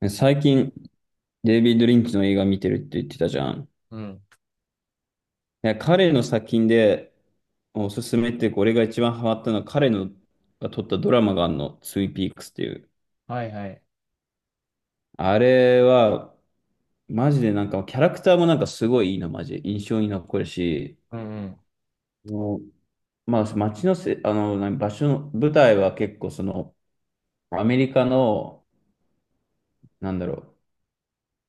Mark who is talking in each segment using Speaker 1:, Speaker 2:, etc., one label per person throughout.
Speaker 1: ね最近、デイビッド・リンチの映画見てるって言ってたじゃん。い
Speaker 2: うん。
Speaker 1: や、彼の作品でおすすめっていうか、俺が一番ハマったのは彼のが撮ったドラマがあるの、ツイピークスっていう。
Speaker 2: はいはい。
Speaker 1: あれは、マジでなんか、キャラクターもなんかすごいいいな、マジで。印象に残るし、
Speaker 2: うんうん。
Speaker 1: もうまあ、街のせ、何場所の、舞台は結構その、アメリカの、なんだろ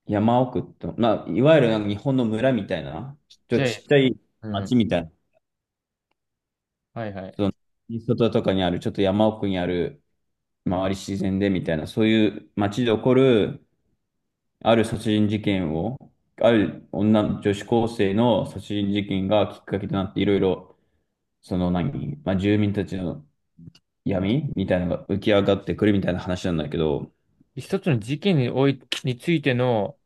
Speaker 1: 山奥と、まあ、いわゆるなんか日本の村みたいな、ちょっ
Speaker 2: じ
Speaker 1: と
Speaker 2: ゃ
Speaker 1: ちっちゃい
Speaker 2: あ、う
Speaker 1: 街
Speaker 2: ん。
Speaker 1: みたいな。
Speaker 2: はいは
Speaker 1: その、
Speaker 2: い。
Speaker 1: 外とかにある、ちょっと山奥にある、周り自然でみたいな、そういう街で起こる、ある殺人事件を、ある女子高生の殺人事件がきっかけとなって、いろいろ、その何、まあ、住民たちの闇みたいなのが浮き上がってくるみたいな話なんだけど、
Speaker 2: 一つの事件におい、についての、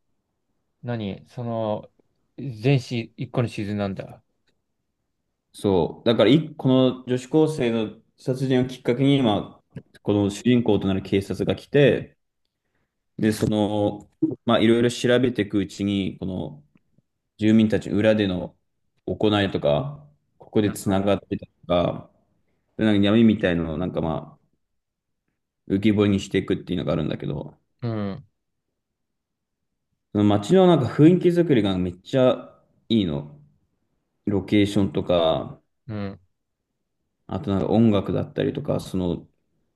Speaker 2: 何その、一個のシーズンなんだ。
Speaker 1: そう、だからい、この女子高生の殺人をきっかけに、今、この主人公となる警察が来て、で、その、まあ、いろいろ調べていくうちに、この、住民たち裏での行いとか、ここで
Speaker 2: なる
Speaker 1: つ
Speaker 2: ほ
Speaker 1: な
Speaker 2: ど。
Speaker 1: がってたとか、なんか闇みたいなのをなんかまあ浮き彫りにしていくっていうのがあるんだけど、
Speaker 2: うん。
Speaker 1: その街のなんか雰囲気作りがめっちゃいいの。ロケーションとか、
Speaker 2: うん。
Speaker 1: あとなんか音楽だったりとか、その、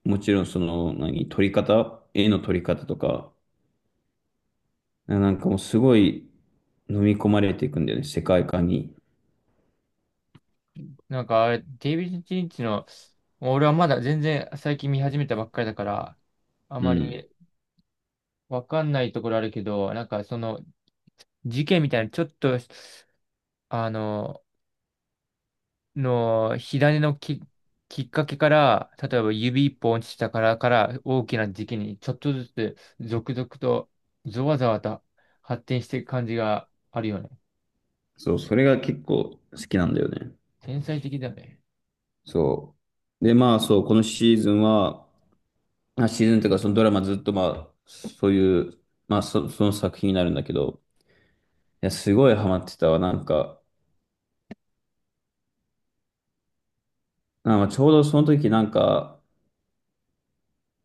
Speaker 1: もちろんその何、撮り方、絵の撮り方とか、なんかもうすごい飲み込まれていくんだよね、世界観に。
Speaker 2: なんかあれ、デイビッド・リンチの、俺はまだ全然最近見始めたばっかりだから、あ
Speaker 1: う
Speaker 2: ま
Speaker 1: ん。
Speaker 2: りわかんないところあるけど、なんかその、事件みたいな、ちょっと、あの、の火種のき、きっかけから、例えば指一本落ちたからから大きな時期にちょっとずつ続々とゾワゾワと発展していく感じがあるよね。
Speaker 1: そう、それが結構好きなんだよね。
Speaker 2: 天才的だね。
Speaker 1: そう。で、まあそう、このシーズンは、まあシーズンというかそのドラマずっとまあ、そういう、その作品になるんだけど、いや、すごいハマってたわ。なんか、まあまあちょうどその時なんか、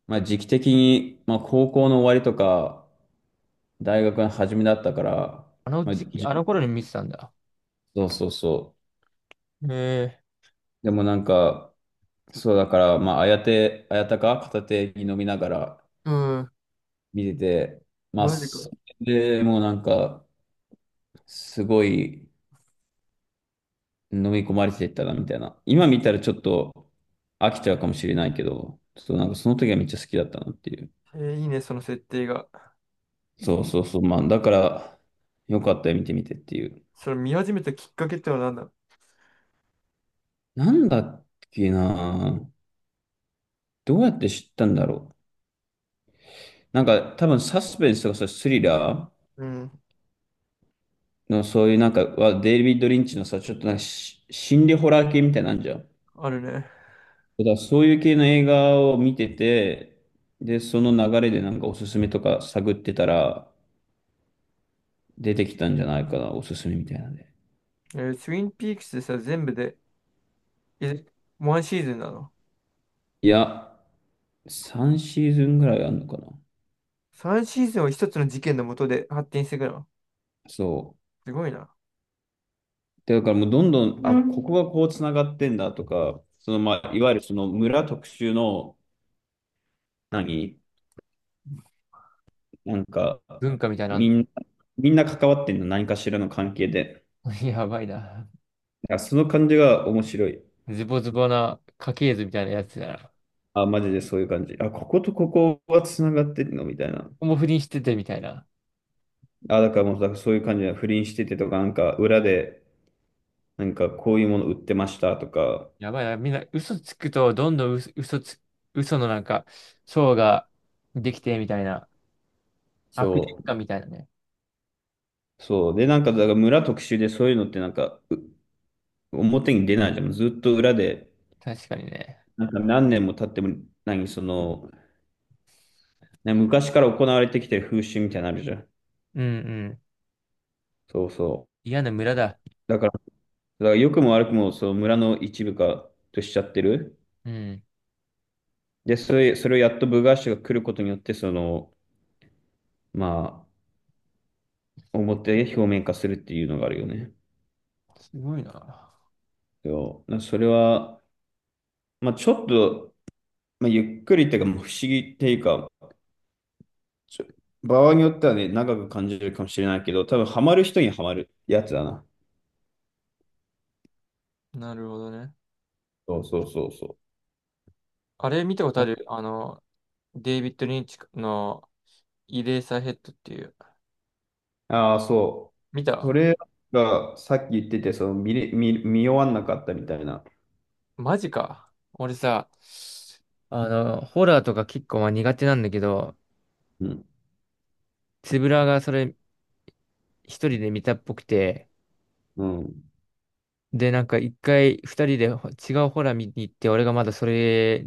Speaker 1: まあ時期的に、まあ高校の終わりとか、大学の初めだったから、
Speaker 2: あの
Speaker 1: まあ、
Speaker 2: 時期、
Speaker 1: じ
Speaker 2: あの頃に見てたんだ。
Speaker 1: そうそうそ
Speaker 2: へえ、
Speaker 1: う。でもなんか、そうだから、まあ、あやて、あやたか片手に飲みながら見てて、まあ、
Speaker 2: マジか。
Speaker 1: それでもうなんか、すごい、飲み込まれてったらみたいな。今見たらちょっと飽きちゃうかもしれないけど、ちょっとなんかその時はめっちゃ好きだったなっていう。
Speaker 2: えー、いいね、その設定が。
Speaker 1: そうそうそう。まあ、だから、よかったよ、見てみてっていう。
Speaker 2: それ見始めたきっかけってのは何だ。
Speaker 1: なんだっけなどうやって知ったんだろう。なんか多分サスペンスとかさ、スリラ
Speaker 2: うん、
Speaker 1: ーのそういうなんかは、デイビッド・リンチのさ、ちょっとなんか心理ホラー系みたいなんじゃん。
Speaker 2: あるね。
Speaker 1: だからそういう系の映画を見てて、で、その流れでなんかおすすめとか探ってたら、出てきたんじゃないかな、おすすめみたいなんで。
Speaker 2: えー、ツインピークスでさ、全部で、え、ワンシーズンなの
Speaker 1: いや、3シーズンぐらいあるのかな。
Speaker 2: ?3 シーズンを一つの事件のもとで発展していくの。
Speaker 1: そう。
Speaker 2: すごいな。
Speaker 1: でだからもうどんどん、あ、ここがこうつながってんだとか、そのまあ、いわゆるその村特集の、何なんか、
Speaker 2: 文化みたいなのあん
Speaker 1: み
Speaker 2: の。
Speaker 1: んな、みんな関わってんの、何かしらの関係で。
Speaker 2: やばいな。
Speaker 1: いやその感じが面白い。
Speaker 2: ズボズボな家系図みたいなやつだな。
Speaker 1: あ、マジでそういう感じ。あ、こことここはつながってんのみたいな。
Speaker 2: もう不倫しててみたいな。
Speaker 1: あ、だからもう、だからそういう感じで不倫しててとか、なんか裏で、なんかこういうもの売ってましたとか、
Speaker 2: やばいな。みんな嘘つくと、どんどん嘘のなんか、層ができてみたいな。悪
Speaker 1: そ
Speaker 2: 循環
Speaker 1: う。
Speaker 2: みたいなね。
Speaker 1: そう。で、なんか、だから村特集でそういうのってなんか、表に出ないじゃん。ずっと裏で、
Speaker 2: 確かにね。
Speaker 1: なんか何年も経っても、何、その、ね昔から行われてきてる風習みたいなのあるじゃん。
Speaker 2: うんうん。
Speaker 1: そうそ
Speaker 2: 嫌な村だ。
Speaker 1: う。だから良くも悪くも、その村の一部化としちゃってる。
Speaker 2: うん。
Speaker 1: で、それをやっと部外者が来ることによって、その、まあ、表面化するっていうのがあるよね。
Speaker 2: すごいな。
Speaker 1: そう。それは、まあ、ちょっと、まあ、ゆっくりっていうか、もう不思議っていうか、ちょ場合によってはね、長く感じるかもしれないけど、多分ハマる人にはまるやつだな。
Speaker 2: なるほどね。
Speaker 1: そうそうそうそ
Speaker 2: あれ見たことあ
Speaker 1: う。
Speaker 2: る、あの、デイビッド・リンチのイレーサーヘッドっていう。
Speaker 1: ああー、そう。
Speaker 2: 見
Speaker 1: そ
Speaker 2: た、
Speaker 1: れがさっき言ってて、その見れ、見、見終わんなかったみたいな。
Speaker 2: マジか。俺さ、あの、ホラーとか結構まあ苦手なんだけど、
Speaker 1: うん。
Speaker 2: つぶらがそれ一人で見たっぽくて、
Speaker 1: うん。
Speaker 2: で、なんか一回二人で違うホラー見に行って、俺がまだそれ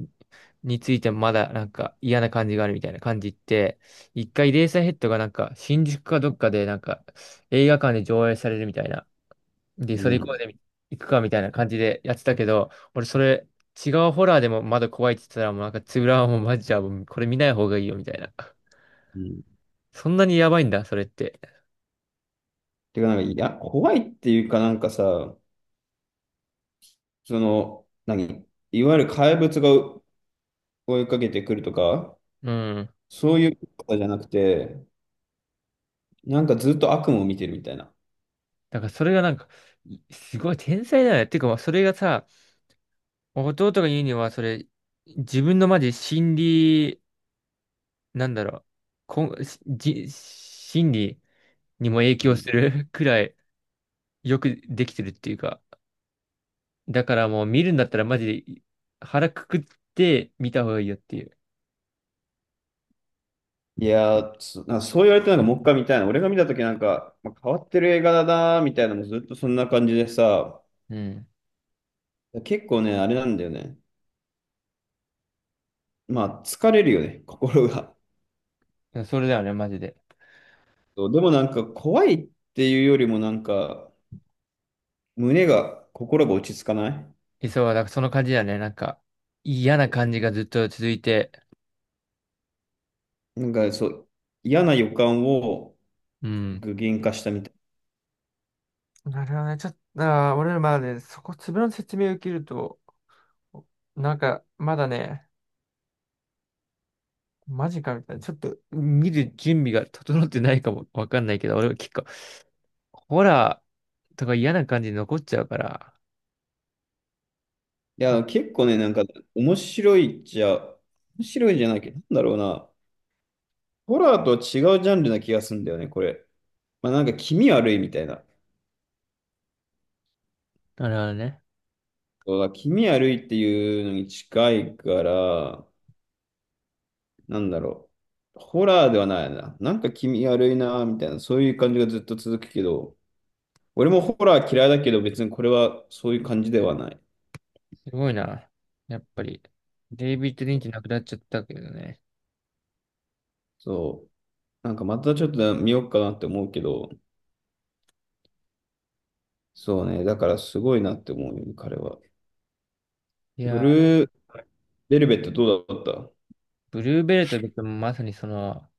Speaker 2: についてまだなんか嫌な感じがあるみたいな感じ言って、一回レーサーヘッドがなんか新宿かどっかでなんか映画館で上映されるみたいな。で、
Speaker 1: う
Speaker 2: それ行こう
Speaker 1: ん。
Speaker 2: で行くかみたいな感じでやってたけど、俺それ違うホラーでもまだ怖いって言ってたらもうなんかつぶらはもうマジじゃあもうこれ見ない方がいいよみたいな。
Speaker 1: うん。
Speaker 2: そんなにやばいんだ、それって。
Speaker 1: てか、なんか、いや、怖いっていうかなんかさ、その、何いわゆる怪物が追いかけてくるとか、
Speaker 2: うん。
Speaker 1: そういうことじゃなくて、なんかずっと悪夢を見てるみたいな。
Speaker 2: だからそれがなんか、いすごい天才だよね。っていうか、まあそれがさ、弟が言うには、それ、自分のマジ心理、なんだろう、こん、じ、心理にも影
Speaker 1: う
Speaker 2: 響
Speaker 1: ん。
Speaker 2: する くらいよくできてるっていうか、だからもう見るんだったらマジで腹くくって見た方がいいよっていう。
Speaker 1: いやー、そう言われてなんかもう一回見たいな。俺が見たときなんか、まあ、変わってる映画だなーみたいなのもずっとそんな感じでさ、
Speaker 2: うん。
Speaker 1: 結構ね、あれなんだよね。まあ、疲れるよね、心が。
Speaker 2: それだよね、マジで。
Speaker 1: そうでもなんか怖いっていうよりもなんか、心が落ち着かない。
Speaker 2: えそう、だからその感じだよね。なんか、嫌な感じがずっと続いて、
Speaker 1: なんかそう、嫌な予感を
Speaker 2: うん。
Speaker 1: 具現化したみたい。
Speaker 2: なるほどね。ちょっと、あー、俺らまあね、そこ、粒の説明を受けると、なんか、まだね、マジかみたいな。ちょっと見る準備が整ってないかもわかんないけど、俺は結構、ホラーとか嫌な感じで残っちゃうから。
Speaker 1: い
Speaker 2: あ、
Speaker 1: や、結構ね、なんか面白いっちゃ、面白いじゃないけど、なんだろうな。ホラーとは違うジャンルな気がするんだよね、これ。まあなんか気味悪いみたいな。
Speaker 2: なるほどね。
Speaker 1: そうだ、気味悪いっていうのに近いから、なんだろう。ホラーではないな。なんか気味悪いな、みたいな、そういう感じがずっと続くけど、俺もホラー嫌いだけど、別にこれはそういう感じではない。
Speaker 2: すごいな。やっぱり、デイビッド・リ
Speaker 1: そ
Speaker 2: ン
Speaker 1: う。
Speaker 2: チ亡くなっちゃったけどね。
Speaker 1: そうなんかまたちょっと見ようかなって思うけど、そうね。だからすごいなって思うよね、彼は。
Speaker 2: い
Speaker 1: ブ
Speaker 2: や
Speaker 1: ル
Speaker 2: ー、
Speaker 1: ーベルベットどうだった？
Speaker 2: ブルーベルトっ別にまさにその、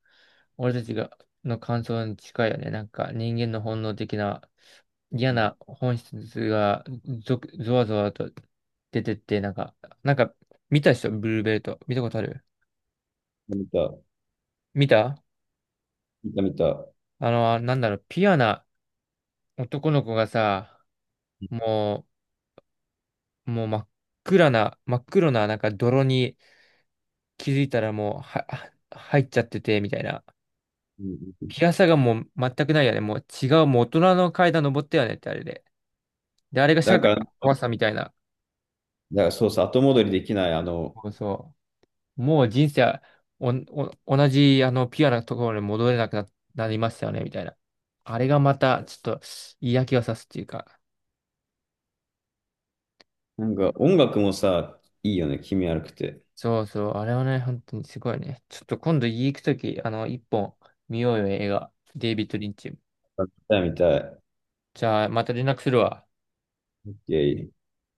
Speaker 2: 俺たちが、の感想に近いよね。なんか人間の本能的な嫌
Speaker 1: うん。
Speaker 2: な本質がゾワゾワと出てって、なんか、なんか見たでしょ、ブルーベルト。見たことある、
Speaker 1: 見た、
Speaker 2: 見た、
Speaker 1: 見た、見た。
Speaker 2: あの、なんだろう、ピュアな男の子がさ、ももう真っ暗な、真っ黒ななんか泥に気づいたらもう入っちゃってて、みたいな。
Speaker 1: うん。
Speaker 2: ピアサがもう全くないよね。もう違う、もう大人の階段登ったよねってあれで。で、あれが
Speaker 1: だ
Speaker 2: 社
Speaker 1: か
Speaker 2: 会
Speaker 1: ら、
Speaker 2: の怖さみたいな。
Speaker 1: そうさ、後戻りできない、あの、
Speaker 2: そうそう。もう人生はお同じあのピュアなところに戻れなくな、なりましたよね、みたいな。あれがまたちょっと嫌気がさすっていうか。
Speaker 1: なんか音楽もさ、いいよね、気味悪くて。
Speaker 2: そうそう。あれはね、本当にすごいね。ちょっと今度家行くとき、あの、一本見ようよ、映画。デイビッド・リンチ。
Speaker 1: 見たい見たい。
Speaker 2: じゃあ、また連絡するわ。
Speaker 1: イェイ